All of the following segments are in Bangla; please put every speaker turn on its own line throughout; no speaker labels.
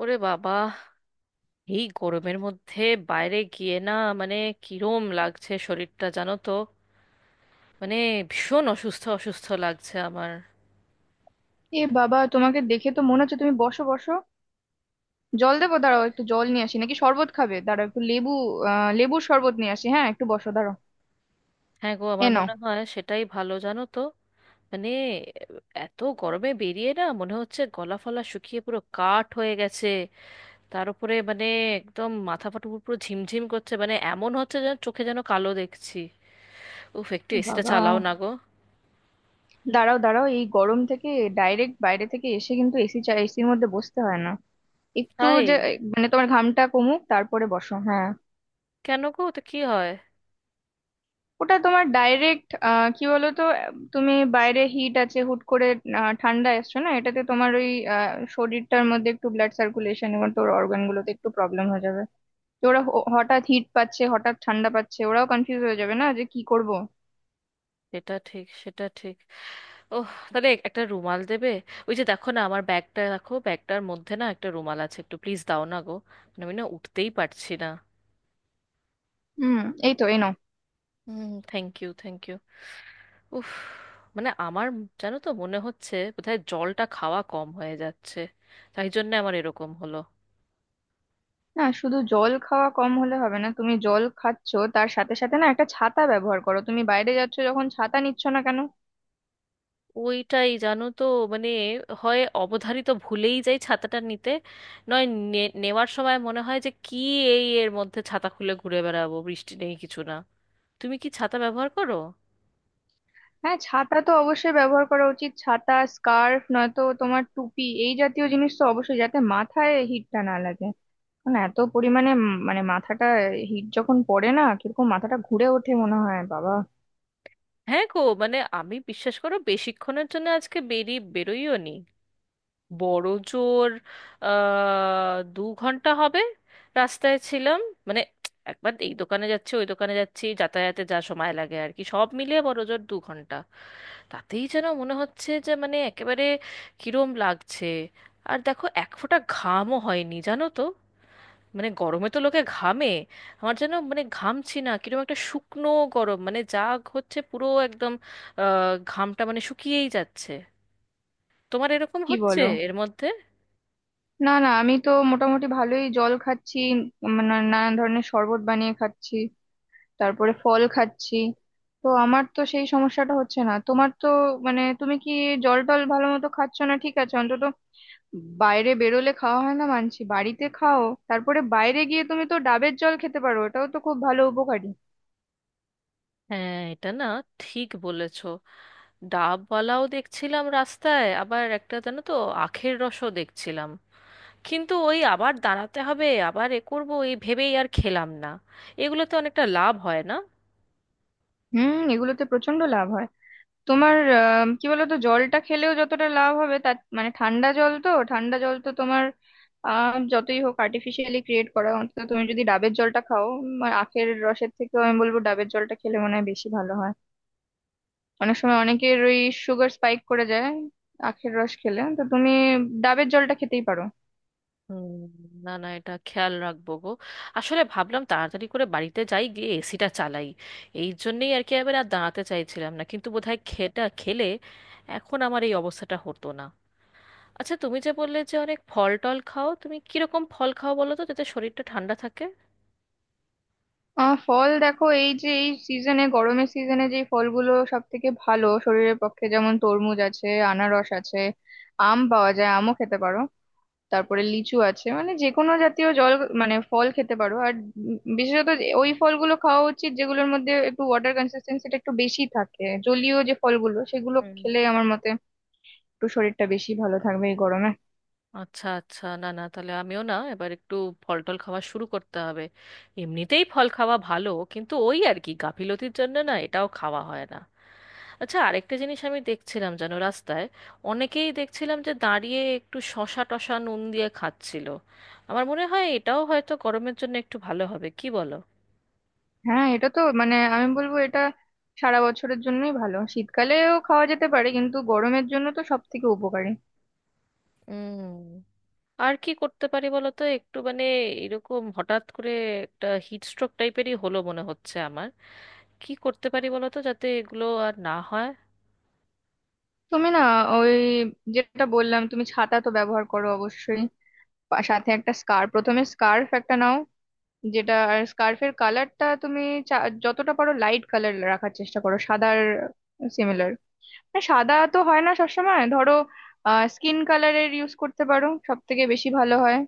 ওরে বাবা, এই গরমের মধ্যে বাইরে গিয়ে না, মানে কিরম লাগছে শরীরটা জানো তো। মানে ভীষণ অসুস্থ অসুস্থ লাগছে আমার।
এ বাবা, তোমাকে দেখে তো মনে হচ্ছে তুমি বসো বসো। জল দেবো, দাঁড়াও একটু জল নিয়ে আসি, নাকি শরবত খাবে? দাঁড়াও একটু লেবু, লেবুর শরবত নিয়ে আসি। হ্যাঁ একটু বসো, দাঁড়াও।
হ্যাঁ গো,
এ
আমার
নাও।
মনে হয় সেটাই ভালো জানো তো। মানে এত গরমে বেরিয়ে না মনে হচ্ছে গলা ফলা শুকিয়ে পুরো কাঠ হয়ে গেছে। তার উপরে একদম মাথা ফাটা, পুরো ঝিমঝিম করছে। মানে এমন হচ্ছে, যেন চোখে যেন কালো দেখছি। উফ, একটু
ও
এসিটা
বাবা,
চালাও না গো।
দাঁড়াও দাঁড়াও এই গরম থেকে ডাইরেক্ট বাইরে থেকে এসে কিন্তু এসির মধ্যে বসতে হয় না। একটু
তাই?
যে মানে তোমার ঘামটা কমুক তারপরে বসো, হ্যাঁ।
কেন গো, তো কি হয়?
ওটা তোমার ডাইরেক্ট কি বলো তো, তুমি বাইরে হিট আছে, হুট করে ঠান্ডা এসছো না, এটাতে তোমার ওই শরীরটার মধ্যে একটু ব্লাড সার্কুলেশন এবং তোর অর্গানগুলোতে একটু প্রবলেম হয়ে যাবে। যে ওরা হঠাৎ হিট পাচ্ছে, হঠাৎ ঠান্ডা পাচ্ছে, ওরাও কনফিউজ হয়ে যাবে না, যে কি করব।
সেটা ঠিক, সেটা ঠিক। ওহ, তাহলে একটা রুমাল দেবে? ওই যে দেখো না, আমার ব্যাগটা রাখো, ব্যাগটার মধ্যে না একটা রুমাল আছে, একটু প্লিজ দাও না গো। আমি না উঠতেই পারছি না।
হুম, এই তো এই নাও।
হুম, থ্যাংক ইউ, থ্যাংক ইউ। উফ, আমার জানো তো মনে হচ্ছে বোধহয় জলটা খাওয়া কম হয়ে যাচ্ছে, তাই জন্য আমার এরকম হলো।
না, শুধু জল খাওয়া কম হলে হবে না। তুমি জল খাচ্ছো তার সাথে সাথে না একটা ছাতা ব্যবহার করো। তুমি বাইরে যাচ্ছ যখন, ছাতা নিচ্ছ না কেন?
ওইটাই জানো তো, মানে হয় অবধারিত ভুলেই যাই ছাতাটা নিতে, নয় নেওয়ার সময় মনে হয় যে কি এই এর মধ্যে ছাতা খুলে ঘুরে বেড়াবো, বৃষ্টি নেই কিছু না। তুমি কি ছাতা ব্যবহার করো?
হ্যাঁ, ছাতা তো অবশ্যই ব্যবহার করা উচিত। ছাতা, স্কার্ফ, নয়তো তোমার টুপি, এই জাতীয় জিনিস তো অবশ্যই, যাতে মাথায় হিটটা না লাগে। কারণ এত পরিমাণে মানে মাথাটা, হিট যখন পড়ে না, কিরকম মাথাটা ঘুরে ওঠে, মনে হয় বাবা।
হ্যাঁ গো, আমি বিশ্বাস করো বেশিক্ষণের জন্য আজকে বেরোইও নি। বড় জোর 2 ঘন্টা হবে রাস্তায় ছিলাম। মানে একবার এই দোকানে যাচ্ছি, ওই দোকানে যাচ্ছি, যাতায়াতে যা সময় লাগে আর কি, সব মিলিয়ে বড় জোর 2 ঘন্টা। তাতেই যেন মনে হচ্ছে যে একেবারে কিরম লাগছে। আর দেখো এক ফোঁটা ঘামও হয়নি জানো তো। মানে গরমে তো লোকে ঘামে, আমার যেন ঘামছি না, কিরকম একটা শুকনো গরম, মানে যা হচ্ছে পুরো একদম ঘামটা শুকিয়েই যাচ্ছে। তোমার এরকম
কি
হচ্ছে
বলো,
এর মধ্যে?
না না, আমি তো মোটামুটি ভালোই জল খাচ্ছি। নানান ধরনের শরবত বানিয়ে খাচ্ছি, তারপরে ফল খাচ্ছি। তো আমার তো সেই সমস্যাটা হচ্ছে না, তোমার তো মানে তুমি কি জল টল ভালো মতো খাচ্ছ না? ঠিক আছে, অন্তত বাইরে বেরোলে খাওয়া হয় না মানছি, বাড়িতে খাও। তারপরে বাইরে গিয়ে তুমি তো ডাবের জল খেতে পারো, এটাও তো খুব ভালো, উপকারী।
হ্যাঁ এটা না ঠিক বলেছো। ডাবওয়ালাও দেখছিলাম রাস্তায়, আবার একটা জানো তো আখের রসও দেখছিলাম, কিন্তু ওই আবার দাঁড়াতে হবে, আবার এ করবো, এই ভেবেই আর খেলাম না। এগুলোতে অনেকটা লাভ হয় না?
হুম, এগুলোতে প্রচন্ড লাভ হয়। তোমার কি বলতো, জলটা খেলেও যতটা লাভ হবে, তার মানে ঠান্ডা জল তো তোমার যতই হোক আর্টিফিশিয়ালি ক্রিয়েট করা। অন্তত তুমি যদি ডাবের জলটা খাও, আর আখের রসের থেকেও আমি বলবো ডাবের জলটা খেলে মনে হয় বেশি ভালো হয়। অনেক সময় অনেকের ওই সুগার স্পাইক করে যায় আখের রস খেলে, তো তুমি ডাবের জলটা খেতেই পারো।
হুম, না না, এটা খেয়াল রাখবো গো। আসলে ভাবলাম তাড়াতাড়ি করে বাড়িতে যাই গিয়ে এসিটা চালাই, এই জন্যেই আর কি এবার আর দাঁড়াতে চাইছিলাম না। কিন্তু বোধহয় খেটা খেলে এখন আমার এই অবস্থাটা হতো না। আচ্ছা, তুমি যে বললে যে অনেক ফল টল খাও, তুমি কিরকম ফল খাও বলো তো যাতে শরীরটা ঠান্ডা থাকে?
ফল দেখো, এই যে এই সিজনে, গরমের সিজনে, যে ফলগুলো সব থেকে ভালো শরীরের পক্ষে, যেমন তরমুজ আছে, আনারস আছে, আম পাওয়া যায়, আমও খেতে পারো, তারপরে লিচু আছে। মানে যে কোনো জাতীয় জল, মানে ফল খেতে পারো। আর বিশেষত ওই ফলগুলো খাওয়া উচিত যেগুলোর মধ্যে একটু ওয়াটার কনসিস্টেন্সিটা একটু বেশি থাকে, জলীয় যে ফলগুলো, সেগুলো
হুম।
খেলে আমার মতে একটু শরীরটা বেশি ভালো থাকবে এই গরমে।
আচ্ছা আচ্ছা, না না, তাহলে আমিও না এবার একটু ফল টল খাওয়া শুরু করতে হবে। এমনিতেই ফল খাওয়া ভালো, কিন্তু ওই আর কি, গাফিলতির জন্য না এটাও খাওয়া হয় না। আচ্ছা, আরেকটা জিনিস আমি দেখছিলাম জানো রাস্তায়, অনেকেই দেখছিলাম যে দাঁড়িয়ে একটু শশা টশা নুন দিয়ে খাচ্ছিল। আমার মনে হয় এটাও হয়তো গরমের জন্য একটু ভালো হবে, কি বলো?
হ্যাঁ, এটা তো মানে আমি বলবো এটা সারা বছরের জন্যই ভালো, শীতকালেও খাওয়া যেতে পারে, কিন্তু গরমের জন্য তো সব থেকে উপকারী।
উম আর কি করতে পারি বলো তো, একটু এরকম হঠাৎ করে একটা হিট স্ট্রোক টাইপেরই হলো মনে হচ্ছে আমার। কি করতে পারি বলো তো যাতে এগুলো আর না হয়?
তুমি না, ওই যেটা বললাম, তুমি ছাতা তো ব্যবহার করো অবশ্যই, সাথে একটা স্কার্ফ, প্রথমে স্কার্ফ একটা নাও, যেটা আর স্কার্ফের কালারটা তুমি চা- যতটা পারো লাইট কালার রাখার চেষ্টা করো, সাদার সিমিলার। সাদা তো হয় না সবসময়, ধরো স্কিন কালারের ইউজ করতে পারো, সব থেকে বেশি ভালো হয়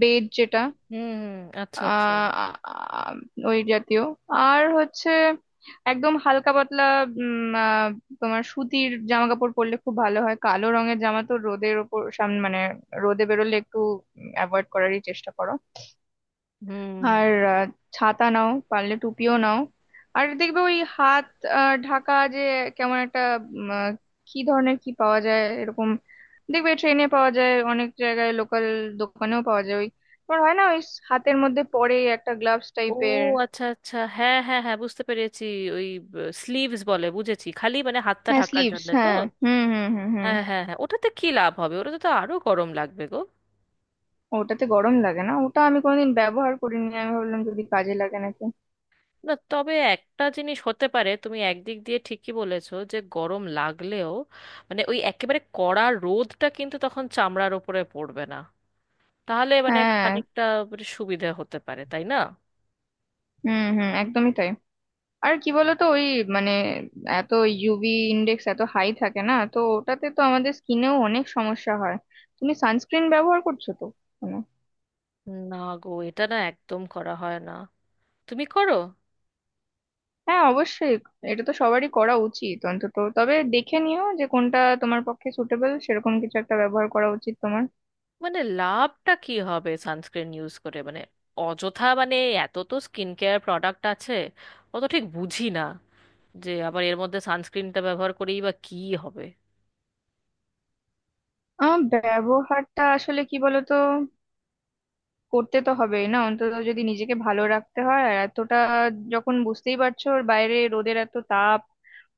বেজ, যেটা
হুম। আচ্ছা আচ্ছা।
আহ, আ- আ- ওই জাতীয়। আর হচ্ছে, একদম হালকা পাতলা, উম, আহ, তোমার সুতির জামা কাপড় পরলে খুব ভালো হয়। কালো রঙের জামা তো রোদের ওপর সামনে মানে রোদে বেরোলে একটু অ্যাভয়েড করারই চেষ্টা করো।
হুম।
আর ছাতা নাও, পারলে টুপিও নাও। আর দেখবে ওই হাত ঢাকা, যে কেমন একটা উম, আহ, কি ধরনের কি পাওয়া যায় এরকম, দেখবে ট্রেনে পাওয়া যায়, অনেক জায়গায় লোকাল দোকানেও পাওয়া যায়, ওই তোমার হয় না ওই হাতের মধ্যে পরে একটা গ্লাভস
ও
টাইপের।
আচ্ছা আচ্ছা, হ্যাঁ হ্যাঁ হ্যাঁ, বুঝতে পেরেছি। ওই স্লিভস বলে, বুঝেছি। খালি হাতটা
হ্যাঁ
ঢাকার
স্লিভস,
জন্য তো?
হ্যাঁ। হুম হুম হুম হুম
হ্যাঁ হ্যাঁ হ্যাঁ, ওটাতে কি লাভ হবে? ওটাতে তো আরো গরম লাগবে গো।
ওটাতে গরম লাগে না, ওটা আমি কোনোদিন ব্যবহার করিনি, আমি ভাবলাম যদি কাজে লাগে নাকি।
না, তবে একটা জিনিস হতে পারে, তুমি একদিক দিয়ে ঠিকই বলেছো, যে গরম লাগলেও ওই একেবারে কড়া রোদটা কিন্তু তখন চামড়ার ওপরে পড়বে না। তাহলে
হ্যাঁ,
খানিকটা সুবিধা হতে পারে, তাই না?
হুম হুম একদমই তাই। আর কি বলতো ওই মানে এত ইউভি ইন্ডেক্স এত হাই থাকে না তো, ওটাতে তো আমাদের স্কিনেও অনেক সমস্যা হয়। তুমি সানস্ক্রিন ব্যবহার করছো তো মানে?
না গো, এটা না একদম করা হয় না। তুমি করো?
হ্যাঁ অবশ্যই, এটা তো সবারই করা উচিত, অন্তত তবে দেখে নিও যে কোনটা তোমার পক্ষে সুটেবল, সেরকম কিছু একটা ব্যবহার করা উচিত তোমার।
লাভটা কি হবে সানস্ক্রিন ইউজ করে? অযথা, এত তো স্কিন কেয়ার প্রোডাক্ট আছে, অত ঠিক বুঝি না, যে আবার এর মধ্যে সানস্ক্রিনটা ব্যবহার করেই বা কি হবে।
আমার ব্যবহারটা আসলে, কি বলতো, করতে তো হবেই না, অন্তত যদি নিজেকে ভালো রাখতে হয়। আর এতটা যখন বুঝতেই পারছো ওর বাইরে রোদের এত তাপ।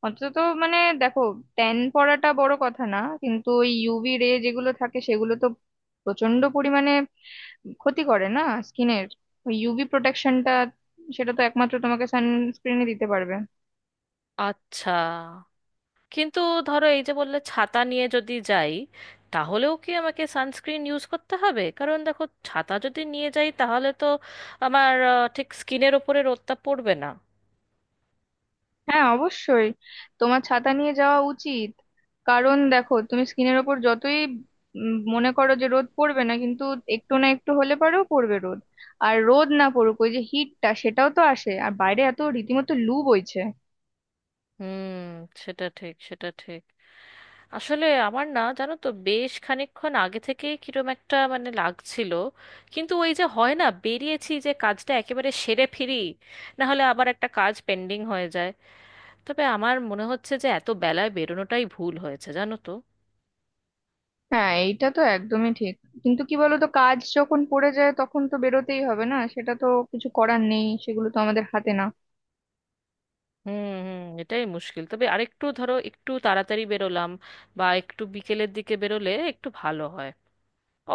অন্তত মানে দেখো, ট্যান পড়াটা বড় কথা না, কিন্তু ওই ইউভি রে যেগুলো থাকে সেগুলো তো প্রচন্ড পরিমাণে ক্ষতি করে না স্কিনের, ওই ইউভি প্রোটেকশনটা সেটা তো একমাত্র তোমাকে সানস্ক্রিনই দিতে পারবে।
আচ্ছা, কিন্তু ধরো এই যে বললে ছাতা নিয়ে যদি যাই, তাহলেও কি আমাকে সানস্ক্রিন ইউজ করতে হবে? কারণ দেখো ছাতা যদি নিয়ে যাই তাহলে তো আমার ঠিক স্কিনের ওপরে রোদটা পড়বে না।
হ্যাঁ অবশ্যই, তোমার ছাতা নিয়ে যাওয়া উচিত। কারণ দেখো, তুমি স্কিনের ওপর যতই মনে করো যে রোদ পড়বে না, কিন্তু একটু না একটু হলে পরেও পড়বে রোদ। আর রোদ না পড়ুক, ওই যে হিটটা সেটাও তো আসে, আর বাইরে এত রীতিমতো লু বইছে।
হুম, সেটা ঠিক, সেটা ঠিক। আসলে আমার না, জানো তো, বেশ খানিকক্ষণ আগে থেকে কিরম একটা লাগছিল, কিন্তু ওই যে হয় না, বেরিয়েছি যে কাজটা একেবারে সেরে ফিরি, না হলে আবার একটা কাজ পেন্ডিং হয়ে যায়। তবে আমার মনে হচ্ছে যে এত বেলায় বেরোনোটাই ভুল হয়েছে জানো তো।
হ্যাঁ এইটা তো একদমই ঠিক, কিন্তু কি বলতো, কাজ যখন পড়ে যায় তখন তো বেরোতেই হবে না, সেটা তো কিছু করার নেই, সেগুলো তো আমাদের হাতে না।
হুম হুম, এটাই মুশকিল। তবে আরেকটু ধরো একটু তাড়াতাড়ি বেরোলাম বা একটু বিকেলের দিকে বেরোলে একটু ভালো হয়।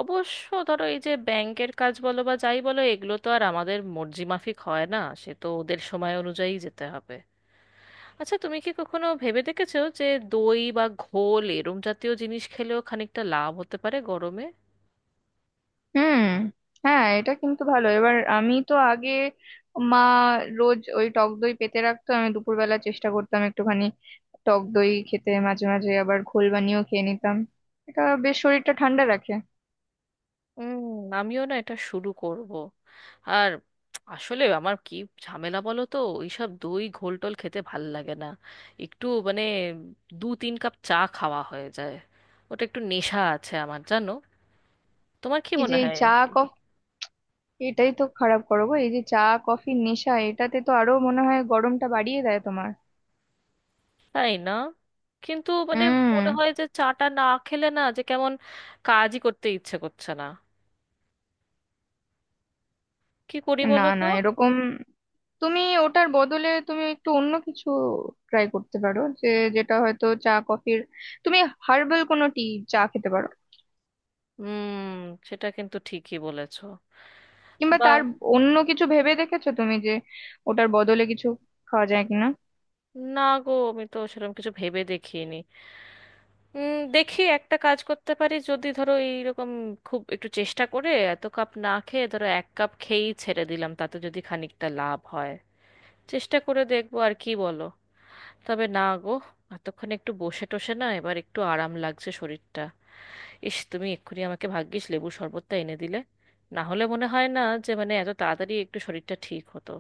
অবশ্য ধরো এই যে ব্যাংকের কাজ বলো বা যাই বলো, এগুলো তো আর আমাদের মর্জি মাফিক হয় না, সে তো ওদের সময় অনুযায়ী যেতে হবে। আচ্ছা, তুমি কি কখনো ভেবে দেখেছো যে দই বা ঘোল এরম জাতীয় জিনিস খেলেও খানিকটা লাভ হতে পারে গরমে?
হুম, হ্যাঁ এটা কিন্তু ভালো। এবার আমি তো আগে মা রোজ ওই টক দই পেতে রাখতো, আমি দুপুরবেলা চেষ্টা করতাম একটুখানি টক দই খেতে, মাঝে মাঝে আবার ঘোল বানিয়েও খেয়ে নিতাম। এটা বেশ শরীরটা ঠান্ডা রাখে।
হুম, আমিও না এটা শুরু করব। আর আসলে আমার কি ঝামেলা বলো তো, ওইসব দই ঘোলটোল খেতে ভাল লাগে না। একটু দু তিন কাপ চা খাওয়া হয়ে যায়, ওটা একটু নেশা আছে আমার জানো। তোমার কি
এই যে
মনে
এই
হয়?
চা, কফি, এটাই তো খারাপ করো গো, এই যে চা কফির নেশা, এটাতে তো আরো মনে হয় গরমটা বাড়িয়ে দেয় তোমার।
তাই না? কিন্তু
হুম,
মনে হয় যে চাটা না খেলে না যে কেমন কাজই করতে ইচ্ছে করছে না। কি করি
না
বলো তো?
না এরকম, তুমি ওটার বদলে তুমি একটু অন্য কিছু ট্রাই করতে পারো, যে যেটা হয়তো চা কফির, তুমি হার্বাল কোনো টি, চা খেতে পারো।
হুম, সেটা কিন্তু ঠিকই বলেছো।
কিংবা
বা,
তার অন্য কিছু ভেবে দেখেছো তুমি, যে ওটার বদলে কিছু খাওয়া যায় কিনা?
না গো আমি তো সেরকম কিছু ভেবে দেখিনি। দেখি একটা কাজ করতে পারি যদি, ধরো এইরকম খুব একটু চেষ্টা করে এত কাপ না খেয়ে ধরো এক কাপ খেয়েই ছেড়ে দিলাম, তাতে যদি খানিকটা লাভ হয়। চেষ্টা করে দেখবো আর কি, বলো। তবে না গো, এতক্ষণ একটু বসে টসে না এবার একটু আরাম লাগছে শরীরটা। ইস, তুমি এক্ষুনি আমাকে ভাগ্যিস লেবু শরবতটা এনে দিলে, না হলে মনে হয় না যে এত তাড়াতাড়ি একটু শরীরটা ঠিক হতো।